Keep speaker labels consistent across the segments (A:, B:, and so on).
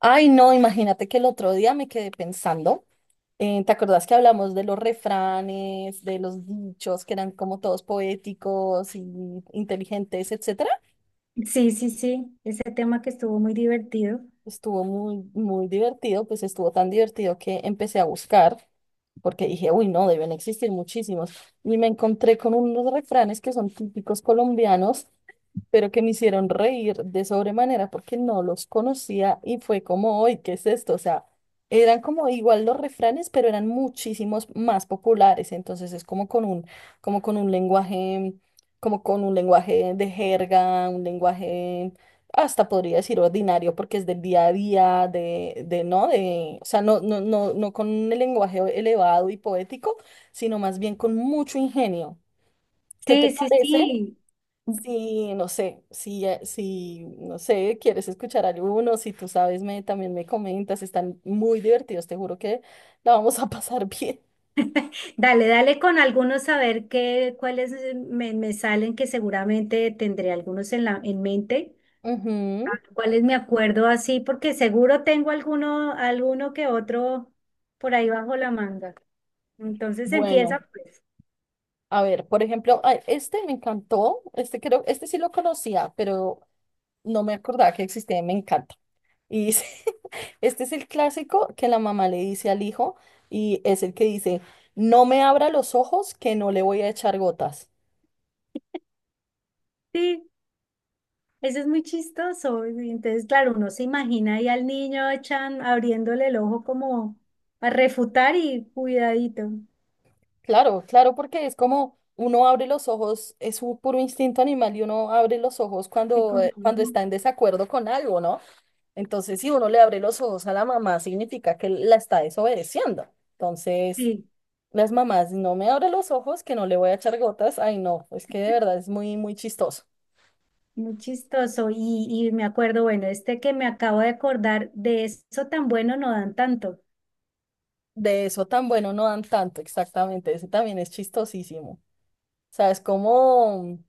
A: Ay, no, imagínate que el otro día me quedé pensando. ¿Te acordás que hablamos de los refranes, de los dichos que eran como todos poéticos y inteligentes, etcétera?
B: Sí, sí, sí, ese tema que estuvo muy divertido.
A: Estuvo muy, muy divertido, pues estuvo tan divertido que empecé a buscar, porque dije, uy, no, deben existir muchísimos. Y me encontré con unos refranes que son típicos colombianos pero que me hicieron reír de sobremanera porque no los conocía y fue como, hoy, ¿qué es esto? O sea, eran como igual los refranes, pero eran muchísimos más populares, entonces es como con un, como con un lenguaje, como con un lenguaje de jerga, un lenguaje hasta podría decir ordinario porque es del día a día, de no, de, o sea, no, no, no, no con el lenguaje elevado y poético, sino más bien con mucho ingenio. ¿Qué te
B: Sí, sí,
A: parece?
B: sí.
A: Si, no sé, si, si, no sé, quieres escuchar alguno, si tú sabes, también me comentas, están muy divertidos, te juro que la vamos a pasar bien.
B: Dale, dale con algunos a ver qué, cuáles me salen, que seguramente tendré algunos en mente.
A: Ujú.
B: A ver, ¿cuáles me acuerdo así? Porque seguro tengo alguno que otro por ahí bajo la manga. Entonces
A: Bueno,
B: empieza, pues.
A: a ver, por ejemplo, ay, este me encantó, este creo, este sí lo conocía, pero no me acordaba que existía, y me encanta. Y dice, este es el clásico que la mamá le dice al hijo y es el que dice, no me abra los ojos que no le voy a echar gotas.
B: Sí, eso es muy chistoso. Y entonces, claro, uno se imagina ahí al niño abriéndole el ojo como a refutar y cuidadito.
A: Claro, claro, porque es como uno abre los ojos, es un puro instinto animal y uno abre los ojos
B: Y
A: cuando,
B: con-
A: cuando está en desacuerdo con algo, ¿no? Entonces, si uno le abre los ojos a la mamá, significa que la está desobedeciendo. Entonces,
B: Sí,
A: las mamás, no me abre los ojos, que no le voy a echar gotas. Ay, no, es que de verdad es muy, muy chistoso.
B: muy chistoso. Y me acuerdo, bueno, este que me acabo de acordar, de eso tan bueno no dan tanto.
A: De eso tan bueno no dan tanto, exactamente. Ese también es chistosísimo. O sea, es como,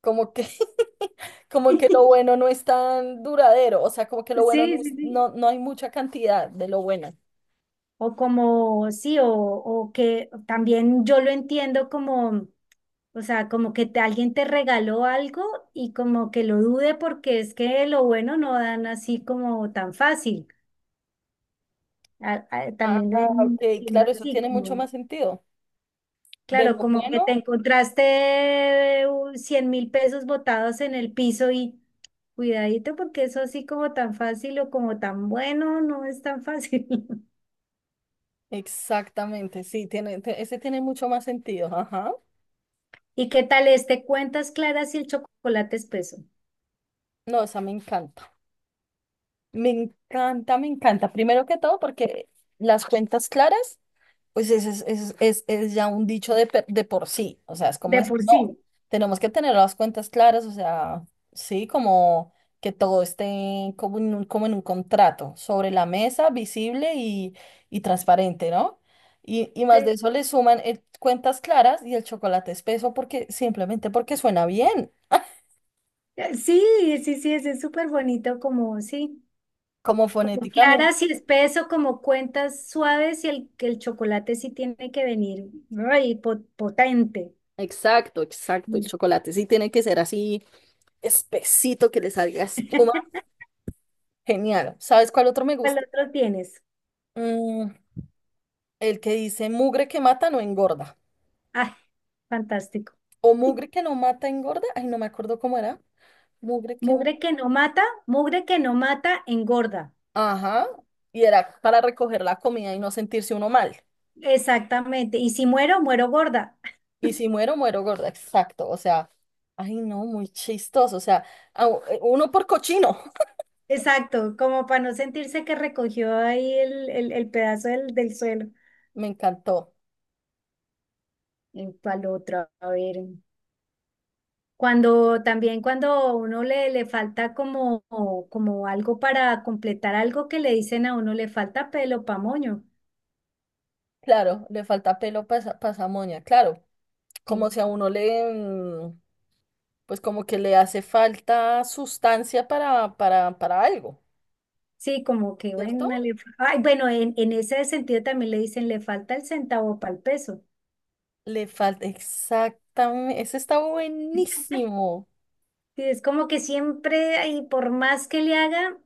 A: como que como que lo bueno no es tan duradero, o sea, como que lo bueno
B: Sí,
A: no,
B: sí, sí.
A: no, no hay mucha cantidad de lo bueno.
B: O como, sí, o que también yo lo entiendo como, o sea, como que alguien te regaló algo y como que lo dude porque es que lo bueno no dan así como tan fácil.
A: Ah,
B: También lo
A: ok,
B: entiendo
A: claro, eso
B: así,
A: tiene mucho
B: como,
A: más sentido. De
B: claro,
A: lo
B: como que te
A: bueno,
B: encontraste 100.000 pesos botados en el piso y. Cuidadito porque eso así como tan fácil o como tan bueno no es tan fácil.
A: exactamente, sí, tiene, ese tiene mucho más sentido, ajá.
B: ¿Y qué tal este? Cuentas claras y el chocolate espeso.
A: No, esa me encanta, me encanta, me encanta. Primero que todo, porque las cuentas claras, pues ese es, es ya un dicho de por sí, o sea, es como
B: De
A: decir,
B: por sí.
A: no, tenemos que tener las cuentas claras, o sea, sí, como que todo esté como en un contrato, sobre la mesa, visible y transparente, ¿no? Y más
B: Sí.
A: de eso le suman cuentas claras y el chocolate espeso porque simplemente porque suena bien,
B: Sí, sí, sí, ese es súper bonito como, sí,
A: como
B: como
A: fonéticamente.
B: claras y espeso, como cuentas suaves y que el chocolate sí tiene que venir, ay, potente.
A: Exacto, exacto, el
B: Mm.
A: chocolate sí tiene que ser así espesito, que le salga espuma. Genial. ¿Sabes cuál otro me
B: ¿Cuál
A: gusta?
B: otro tienes?
A: Mm, el que dice mugre que mata no engorda.
B: Ay, fantástico.
A: O mugre que no mata engorda. Ay, no me acuerdo cómo era. Mugre que mata.
B: Mugre que no mata, mugre que no mata, engorda.
A: Ajá. Y era para recoger la comida y no sentirse uno mal.
B: Exactamente. Y si muero, muero gorda.
A: Y si muero, muero gorda. Exacto. O sea, ay, no, muy chistoso. O sea, uno por cochino.
B: Exacto, como para no sentirse que recogió ahí el pedazo del suelo.
A: Me encantó.
B: En cual otra, a ver. Cuando también cuando uno le falta como algo para completar algo que le dicen a uno, le falta pelo pa' moño.
A: Claro, le falta pelo para esa moña. Claro, como
B: Sí.
A: si a uno le, mm, pues como que le hace falta sustancia para algo,
B: Sí, como que bueno,
A: ¿cierto?
B: ay, bueno, en ese sentido también le dicen, le falta el centavo para el peso.
A: Le falta, exactamente, ese está buenísimo.
B: Sí, es como que siempre, ahí, por más que le haga,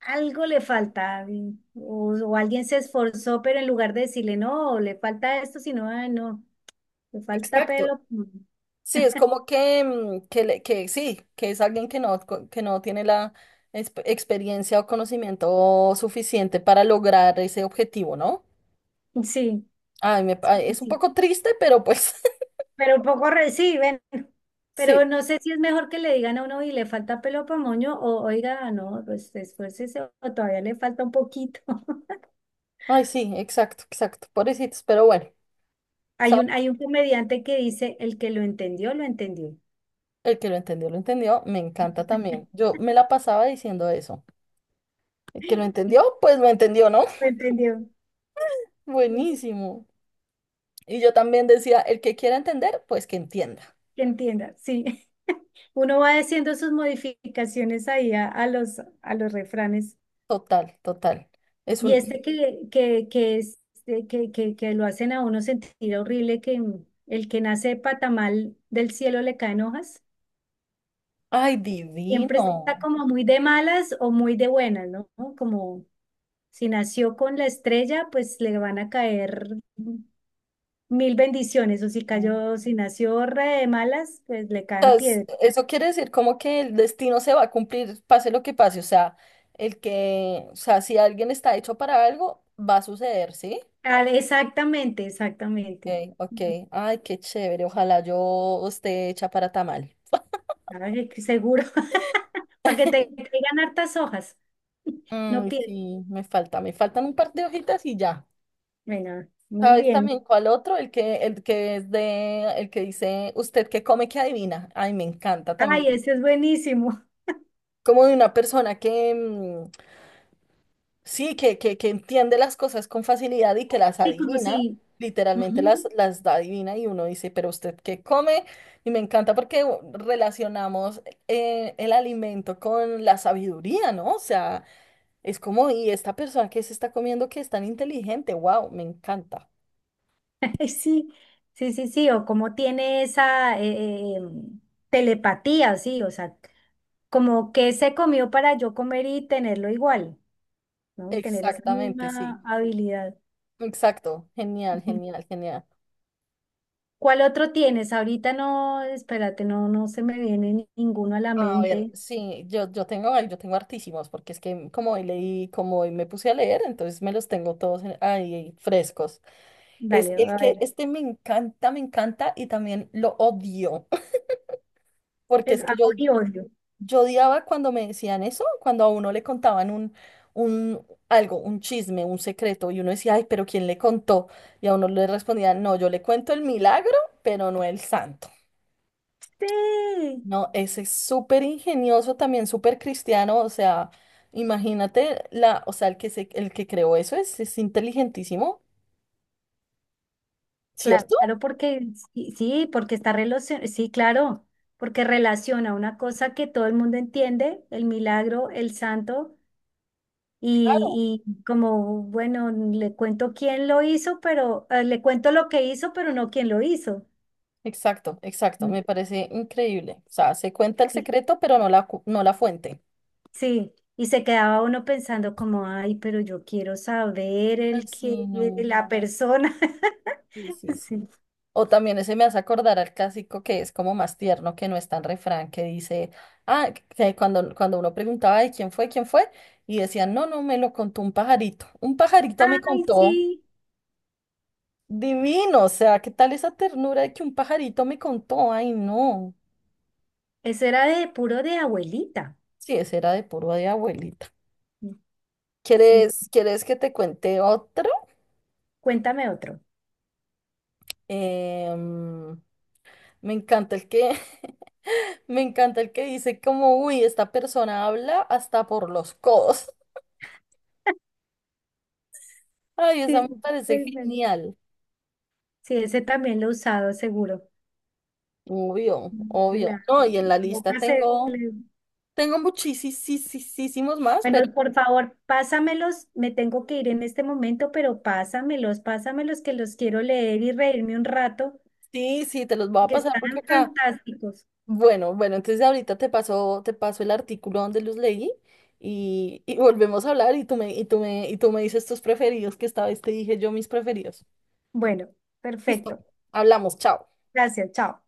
B: algo le falta. O alguien se esforzó, pero en lugar de decirle, no, le falta esto, sino, "Ay, no, le falta
A: Exacto.
B: pelo.
A: Sí, es como que, mm, que, que sí, que es alguien que no, que no tiene la experiencia o conocimiento suficiente para lograr ese objetivo, ¿no?
B: Sí,
A: Ay, me,
B: sí,
A: es un
B: sí.
A: poco triste, pero pues
B: Pero un poco reciben. Pero
A: sí.
B: no sé si es mejor que le digan a uno y le falta pelo para moño o oiga, no, pues esfuércese o todavía le falta un poquito.
A: Ay, sí, exacto, exacto. Pobrecitos, pero bueno,
B: Hay
A: ¿sabes?
B: un, hay un comediante que dice, el que lo entendió, lo entendió.
A: El que lo entendió, lo entendió. Me encanta también. Yo me la pasaba diciendo eso. El que lo entendió, pues lo entendió, ¿no?
B: Lo entendió. Pues,
A: Buenísimo. Y yo también decía, el que quiera entender, pues que entienda.
B: que entienda, sí. Uno va haciendo sus modificaciones ahí a los refranes.
A: Total, total. Es
B: Y
A: un,
B: este que, es, que lo hacen a uno sentir horrible, que el que nace de patamal del cielo le caen hojas,
A: ay,
B: siempre
A: divino.
B: está como muy de malas o muy de buenas, ¿no? Como si nació con la estrella, pues le van a caer mil bendiciones, o
A: O
B: si nació re de malas, pues le
A: sea,
B: caen piedras.
A: eso quiere decir como que el destino se va a cumplir, pase lo que pase. O sea, o sea, si alguien está hecho para algo, va a suceder, ¿sí?
B: Ah, exactamente, exactamente.
A: Ok, ok. Ay, qué chévere. Ojalá yo esté hecha para tamal.
B: Ay, que seguro. Para que te caigan hartas hojas. No
A: Mm,
B: pierdas.
A: sí, me falta, me faltan un par de hojitas y ya.
B: Bueno, muy
A: ¿Sabes
B: bien.
A: también cuál otro? El que dice, usted que come, que adivina. Ay, me encanta
B: Ay,
A: también.
B: ese es buenísimo.
A: Como de una persona que mm, sí, que entiende las cosas con facilidad y que las
B: Sí, como
A: adivina,
B: si.
A: literalmente
B: Ujú.
A: las da adivina y uno dice, pero usted qué come, y me encanta porque relacionamos el alimento con la sabiduría, ¿no? O sea, es como, y esta persona que se está comiendo que es tan inteligente, wow, me encanta.
B: Sí, sí, sí, sí. O como tiene esa telepatía, sí. O sea, como que se comió para yo comer y tenerlo igual, ¿no? Tener esa
A: Exactamente, sí.
B: misma habilidad.
A: Exacto, genial,
B: Ujú.
A: genial, genial.
B: ¿Cuál otro tienes? Ahorita no, espérate, no se me viene ninguno a la
A: A ver,
B: mente.
A: sí, yo tengo hartísimos, porque es que como hoy leí, como hoy me puse a leer, entonces me los tengo todos ahí frescos. Es
B: Dale,
A: el
B: a ver.
A: que este me encanta y también lo odio, porque
B: Es
A: es que yo,
B: amor y odio.
A: yo odiaba cuando me decían eso, cuando a uno le contaban un algo, un chisme, un secreto, y uno decía, ay, pero ¿quién le contó? Y a uno le respondían, no, yo le cuento el milagro, pero no el santo.
B: Sí,
A: No, ese es súper ingenioso también, súper cristiano, o sea, imagínate la, o sea, el que creó eso es inteligentísimo, ¿cierto?
B: claro, porque sí, sí, porque está relacionado, sí, claro, porque relaciona una cosa que todo el mundo entiende, el milagro, el santo,
A: Claro.
B: y como, bueno, le cuento quién lo hizo, pero le cuento lo que hizo, pero no quién lo hizo.
A: Exacto, exacto, me
B: Mm.
A: parece increíble. O sea, se cuenta el
B: Y-
A: secreto, pero no la, no la fuente.
B: sí, y se quedaba uno pensando como, ay, pero yo quiero saber
A: Ay, sí, no.
B: la persona.
A: Sí, sí, sí.
B: Sí.
A: O también ese me hace acordar al clásico que es como más tierno, que no es tan refrán, que dice, ah, que cuando, cuando uno preguntaba de quién fue, y decían, no, no, me lo contó un pajarito. Un pajarito me
B: Ay,
A: contó.
B: sí,
A: Divino, o sea, ¿qué tal esa ternura de que un pajarito me contó? Ay, no.
B: eso era de puro de abuelita.
A: Sí, ese era de puro de abuelita.
B: Sí,
A: ¿Quieres, quieres que te cuente otro?
B: cuéntame otro.
A: Em, me encanta el que, me encanta el que dice como, uy, esta persona habla hasta por los codos. Ay, esa me
B: Sí,
A: parece
B: muy bueno.
A: genial.
B: Sí, ese también lo he usado, seguro.
A: Obvio, obvio.
B: La-
A: No, y en la
B: la
A: lista
B: boca se
A: tengo,
B: le-
A: tengo muchísimos más, pero
B: Bueno, por favor, pásamelos. Me tengo que ir en este momento, pero pásamelos, pásamelos que los quiero leer y reírme un rato,
A: sí, sí, te los voy a
B: que
A: pasar
B: están
A: porque acá.
B: fantásticos.
A: Bueno, bueno, entonces ahorita te paso el artículo donde los leí y volvemos a hablar y tú me, y tú me dices tus preferidos, que esta vez te dije yo mis preferidos.
B: Bueno,
A: Listo,
B: perfecto.
A: hablamos, chao.
B: Gracias, chao.